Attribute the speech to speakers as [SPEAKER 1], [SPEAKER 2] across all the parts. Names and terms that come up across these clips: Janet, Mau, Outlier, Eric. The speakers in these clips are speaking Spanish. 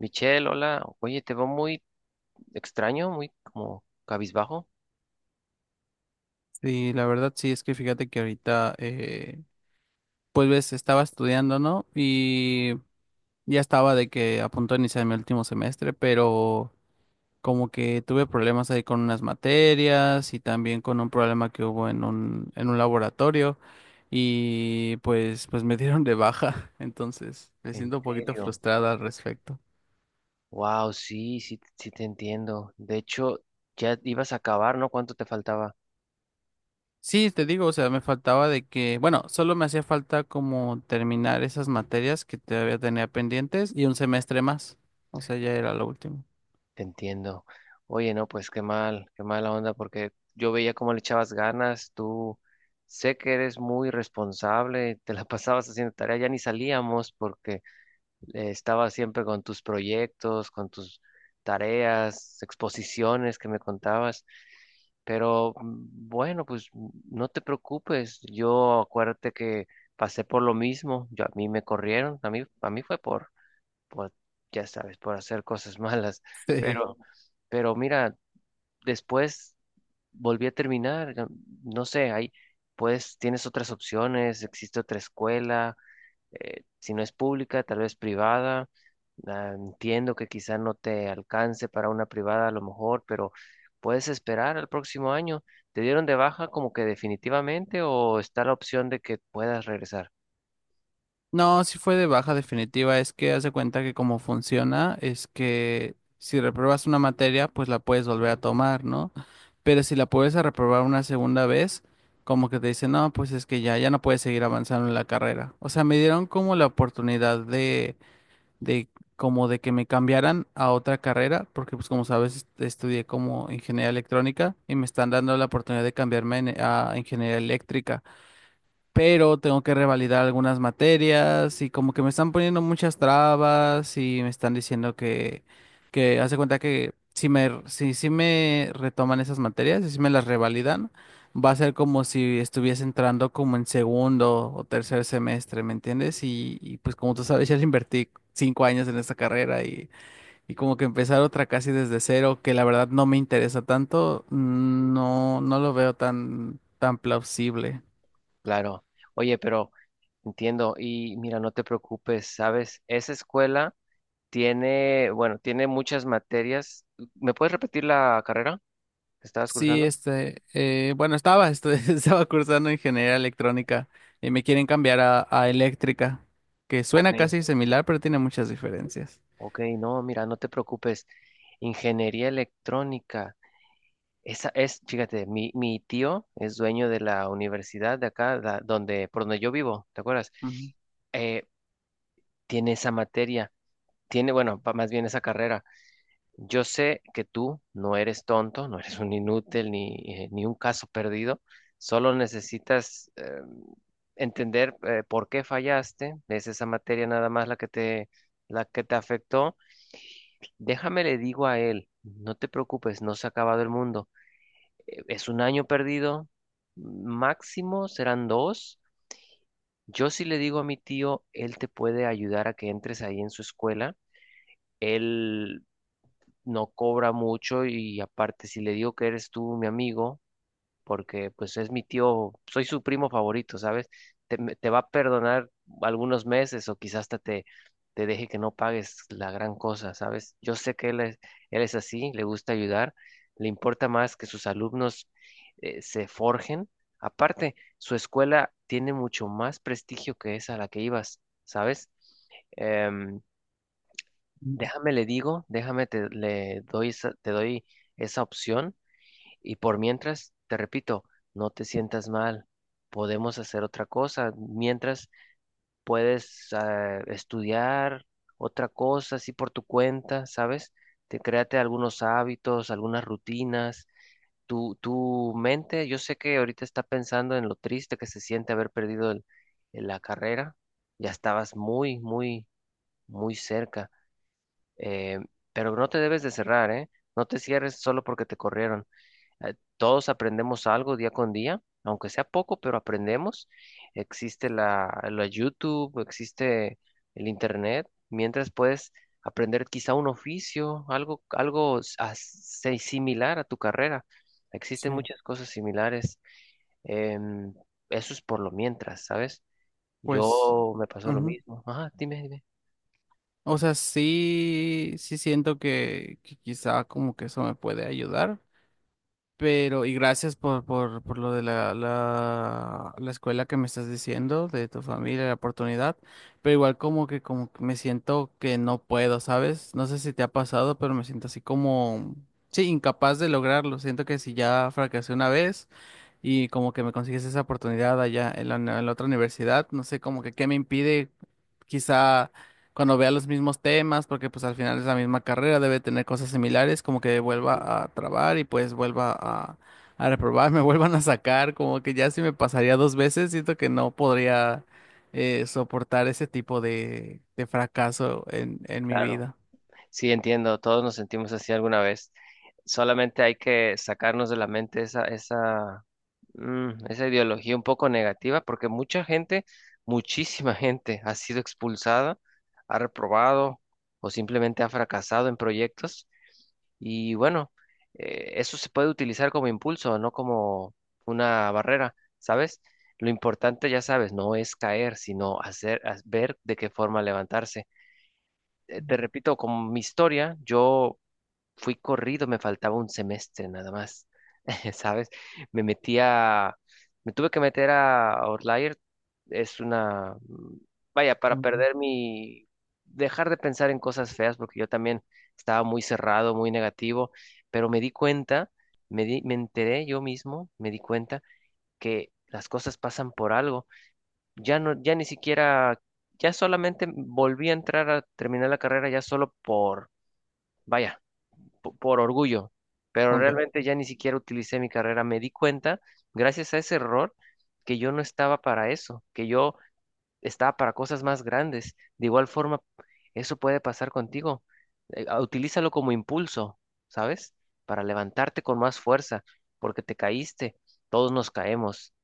[SPEAKER 1] Michelle, hola. Oye, te veo muy extraño, muy como cabizbajo.
[SPEAKER 2] Sí, la verdad sí, es que fíjate que ahorita, pues ves, estaba estudiando, ¿no? Y ya estaba de que a punto de iniciar mi último semestre, pero como que tuve problemas ahí con unas materias y también con un problema que hubo en un laboratorio y pues me dieron de baja, entonces me
[SPEAKER 1] ¿En
[SPEAKER 2] siento un poquito
[SPEAKER 1] serio?
[SPEAKER 2] frustrada al respecto.
[SPEAKER 1] Wow, sí, sí, sí te entiendo. De hecho, ya ibas a acabar, ¿no? ¿Cuánto te faltaba?
[SPEAKER 2] Sí, te digo, o sea, me faltaba de que, bueno, solo me hacía falta como terminar esas materias que todavía tenía pendientes y un semestre más. O sea, ya era lo último.
[SPEAKER 1] Te entiendo. Oye, no, pues qué mal, qué mala onda, porque yo veía cómo le echabas ganas. Tú sé que eres muy responsable, te la pasabas haciendo tarea, ya ni salíamos porque estabas siempre con tus proyectos, con tus tareas, exposiciones que me contabas. Pero bueno, pues no te preocupes. Yo acuérdate que pasé por lo mismo. Yo, a mí me corrieron. A mí fue por, ya sabes, por hacer cosas malas.
[SPEAKER 2] Sí.
[SPEAKER 1] Pero, pero mira, después volví a terminar. No no sé, ahí, pues tienes otras opciones. Existe otra escuela, si no es pública, tal vez privada. Ah, entiendo que quizá no te alcance para una privada a lo mejor, pero puedes esperar al próximo año. ¿Te dieron de baja como que definitivamente o está la opción de que puedas regresar?
[SPEAKER 2] No, sí fue de baja definitiva. Es que haz de cuenta que como funciona es que si repruebas una materia, pues la puedes volver a tomar, ¿no? Pero si la puedes a reprobar una segunda vez, como que te dicen, no, pues es que ya, ya no puedes seguir avanzando en la carrera. O sea, me dieron como la oportunidad de como de que me cambiaran a otra carrera, porque pues como sabes estudié como ingeniería electrónica y me están dando la oportunidad de cambiarme a ingeniería eléctrica, pero tengo que revalidar algunas materias y como que me están poniendo muchas trabas y me están diciendo que hace cuenta que si me, si, si me retoman esas materias y si me las revalidan, va a ser como si estuviese entrando como en segundo o tercer semestre, ¿me entiendes? Y pues como tú
[SPEAKER 1] Mm,
[SPEAKER 2] sabes, ya le invertí 5 años en esta carrera y como que empezar otra casi desde cero, que la verdad no me interesa tanto, no, no lo veo tan, tan plausible.
[SPEAKER 1] Claro. Oye, pero entiendo y mira, no te preocupes, ¿sabes? Esa escuela tiene, bueno, tiene muchas materias. ¿Me puedes repetir la carrera que estabas
[SPEAKER 2] Sí,
[SPEAKER 1] cursando?
[SPEAKER 2] bueno, estaba, este, estaba cursando ingeniería electrónica y me quieren cambiar a eléctrica, que
[SPEAKER 1] Ok.
[SPEAKER 2] suena casi similar, pero tiene muchas diferencias.
[SPEAKER 1] Ok, no, mira, no te preocupes. Ingeniería electrónica. Esa es, fíjate, mi tío es dueño de la universidad de acá, donde, por donde yo vivo, ¿te acuerdas?
[SPEAKER 2] Ujú.
[SPEAKER 1] eh, tiene esa materia, tiene, bueno, más bien esa carrera. Yo sé que tú no eres tonto, no eres un inútil ni, ni un caso perdido, solo necesitas entender, por qué fallaste, es esa materia nada más la que te afectó. Déjame le digo a él, no te preocupes, no se ha acabado el mundo. Es un año perdido, máximo serán dos. Yo sí le digo a mi tío, él te puede ayudar a que entres ahí en su escuela. Él no cobra mucho y aparte, si le digo que eres tú mi amigo, porque pues es mi tío, soy su primo favorito, ¿sabes? Te, te va a perdonar algunos meses o quizás hasta te, te deje que no pagues la gran cosa, ¿sabes? Yo sé que él es así, le gusta ayudar, le importa más que sus alumnos se forjen. Aparte, su escuela tiene mucho más prestigio que esa a la que ibas, ¿sabes? Em,
[SPEAKER 2] Mm,
[SPEAKER 1] déjame le digo, déjame te, le doy, te doy esa opción y por mientras, te repito, no te sientas mal. Podemos hacer otra cosa. Mientras puedes, estudiar otra cosa así por tu cuenta, ¿sabes? Te créate algunos hábitos, algunas rutinas. Tu mente, yo sé que ahorita está pensando en lo triste que se siente haber perdido la carrera. Ya estabas muy, muy, muy cerca. Eh, pero no te debes de cerrar, ¿eh? No te cierres solo porque te corrieron. Todos aprendemos algo día con día, aunque sea poco, pero aprendemos. Existe la, la YouTube, existe el Internet, mientras puedes aprender quizá un oficio, algo, similar a tu carrera. Existen
[SPEAKER 2] sí,
[SPEAKER 1] muchas cosas similares. em, eso es por lo mientras, ¿sabes?
[SPEAKER 2] pues,
[SPEAKER 1] Yo me pasó lo
[SPEAKER 2] ujú.
[SPEAKER 1] mismo. Ajá, dime, dime.
[SPEAKER 2] O sea, sí, sí siento que quizá como que eso me puede ayudar. Pero, y gracias por, por lo de la escuela que me estás diciendo, de tu familia, la oportunidad. Pero igual como que me siento que no puedo, ¿sabes? No sé si te ha pasado, pero me siento así como, sí, incapaz de lograrlo. Siento que si ya fracasé una vez y como que me consigues esa oportunidad allá en la otra universidad, no sé, como que qué me impide quizá cuando vea los mismos temas, porque pues al final es la misma carrera, debe tener cosas similares, como que vuelva a trabar y pues vuelva a reprobar, me vuelvan a sacar, como que ya si me pasaría dos veces, siento que no podría soportar ese tipo de fracaso en mi
[SPEAKER 1] Claro.
[SPEAKER 2] vida.
[SPEAKER 1] Sí, entiendo, todos nos sentimos así alguna vez. Solamente hay que sacarnos de la mente esa, esa ideología un poco negativa, porque mucha gente, muchísima gente ha sido expulsada, ha reprobado o simplemente ha fracasado en proyectos. Y bueno, eso se puede utilizar como impulso, no como una barrera, ¿sabes? Lo importante, ya sabes, no es caer, sino hacer, ver de qué forma levantarse. Te repito, con mi historia, yo fui corrido, me faltaba un semestre nada más, ¿sabes? Me metí a, me tuve que meter a Outlier, es una, vaya, para
[SPEAKER 2] Ujú.
[SPEAKER 1] perder mi, dejar de pensar en cosas feas, porque yo también estaba muy cerrado, muy negativo, pero me di cuenta, me enteré yo mismo, me di cuenta que las cosas pasan por algo, ya no, ya ni siquiera, ya solamente volví a entrar a terminar la carrera ya solo por, vaya, por orgullo, pero
[SPEAKER 2] Ok,
[SPEAKER 1] realmente ya ni siquiera utilicé mi carrera. Me di cuenta, gracias a ese error, que yo no estaba para eso, que yo estaba para cosas más grandes. De igual forma, eso puede pasar contigo. Utilízalo como impulso, ¿sabes? Para levantarte con más fuerza, porque te caíste. Todos nos caemos.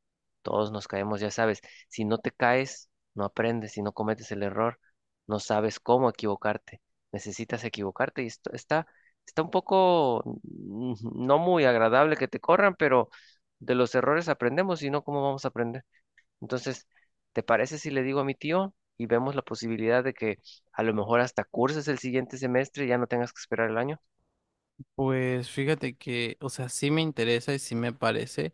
[SPEAKER 1] Todos nos caemos, ya sabes. Si no te caes, no aprendes. Si no cometes el error, no sabes cómo equivocarte. Necesitas equivocarte. Y esto está, está un poco no muy agradable que te corran, pero de los errores aprendemos, si no, ¿cómo vamos a aprender? Entonces, ¿te parece si le digo a mi tío y vemos la posibilidad de que a lo mejor hasta curses el siguiente semestre y ya no tengas que esperar el año?
[SPEAKER 2] pues fíjate que, o sea, sí me interesa y sí me parece,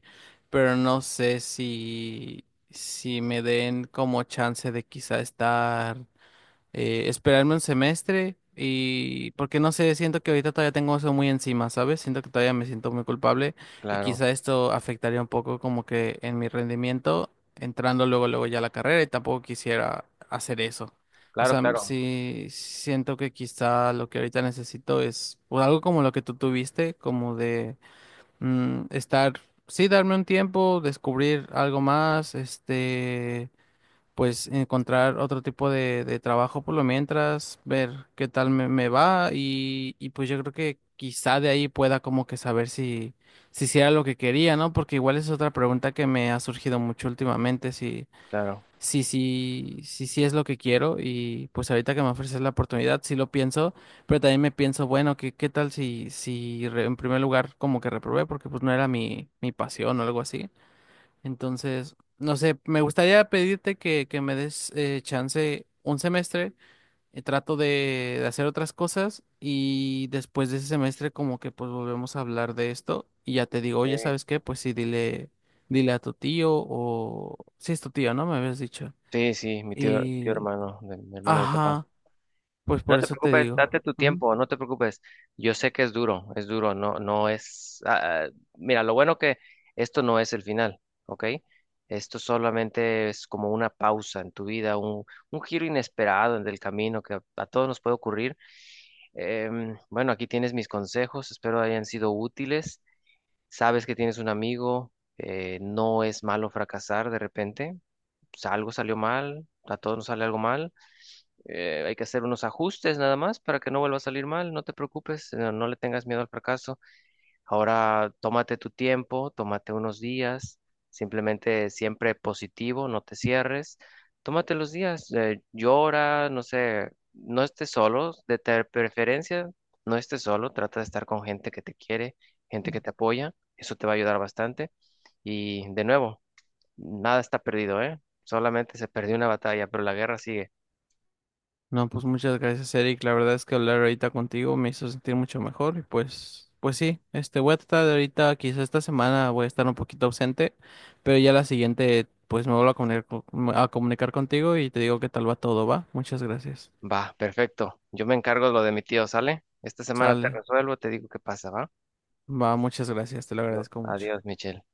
[SPEAKER 2] pero no sé si, si me den como chance de quizá estar esperarme un semestre y porque no sé, siento que ahorita todavía tengo eso muy encima, ¿sabes? Siento que todavía me siento muy culpable y
[SPEAKER 1] Claro,
[SPEAKER 2] quizá esto afectaría un poco como que en mi rendimiento entrando luego luego ya a la carrera y tampoco quisiera hacer eso. O
[SPEAKER 1] claro,
[SPEAKER 2] sea,
[SPEAKER 1] claro,
[SPEAKER 2] sí siento que quizá lo que ahorita necesito es o algo como lo que tú tuviste, como de mm, estar, sí, darme un tiempo, descubrir algo más, este, pues encontrar otro tipo de trabajo por lo mientras, ver qué tal me, me va y pues yo creo que quizá de ahí pueda como que saber si, si sí era lo que quería, ¿no? Porque igual es otra pregunta que me ha surgido mucho últimamente,
[SPEAKER 1] claro.
[SPEAKER 2] si es lo que quiero y pues ahorita que me ofreces la oportunidad, sí lo pienso, pero también me pienso, bueno, ¿qué, qué tal si, en primer lugar como que reprobé porque pues no era mi, mi pasión o algo así? Entonces, no sé, me gustaría pedirte que me des chance un semestre. Trato de hacer otras cosas y después de ese semestre como que pues volvemos a hablar de esto y ya te digo,
[SPEAKER 1] Sí.
[SPEAKER 2] oye, ¿sabes qué? Pues sí, dile, dile a tu tío o... Sí, es tu tío, ¿no? Me habías dicho.
[SPEAKER 1] Sí, sí, mi tío, tío
[SPEAKER 2] Y...
[SPEAKER 1] hermano de mi papá.
[SPEAKER 2] Ajá, pues
[SPEAKER 1] No
[SPEAKER 2] por
[SPEAKER 1] te
[SPEAKER 2] eso te
[SPEAKER 1] preocupes, date
[SPEAKER 2] digo.
[SPEAKER 1] tu tiempo, no te preocupes. Yo sé que es duro, no, no es. Mira, lo bueno que esto no es el final, ¿ok? Esto solamente es como una pausa en tu vida, un giro inesperado en el camino que a todos nos puede ocurrir. Bueno, aquí tienes mis consejos, espero hayan sido útiles. Sabes que tienes un amigo, no es malo fracasar de repente. O algo salió mal, a todos nos sale algo mal, hay que hacer unos ajustes nada más para que no vuelva a salir mal, no te preocupes, no, no le tengas miedo al fracaso. Ahora tómate tu tiempo, tómate unos días, simplemente siempre positivo, no te cierres, tómate los días, llora, no sé, no estés solo, de preferencia, no estés solo, trata de estar con gente que te quiere, gente que te apoya, eso te va a ayudar bastante. Y de nuevo, nada está perdido, ¿eh? Solamente se perdió una batalla, pero la guerra sigue.
[SPEAKER 2] No, pues muchas gracias, Eric. La verdad es que hablar ahorita contigo me hizo sentir mucho mejor y pues, pues sí, este, voy a tratar de ahorita, quizá esta semana voy a estar un poquito ausente, pero ya la siguiente, pues me vuelvo a comunicar, a comunicar contigo y te digo qué tal va todo, ¿va? Muchas gracias.
[SPEAKER 1] Va, perfecto. Yo me encargo de lo de mi tío, ¿sale? Esta semana te
[SPEAKER 2] Sale,
[SPEAKER 1] resuelvo, te digo qué pasa, ¿va?
[SPEAKER 2] va, muchas gracias, te lo
[SPEAKER 1] No,
[SPEAKER 2] agradezco mucho.
[SPEAKER 1] adiós, Michelle.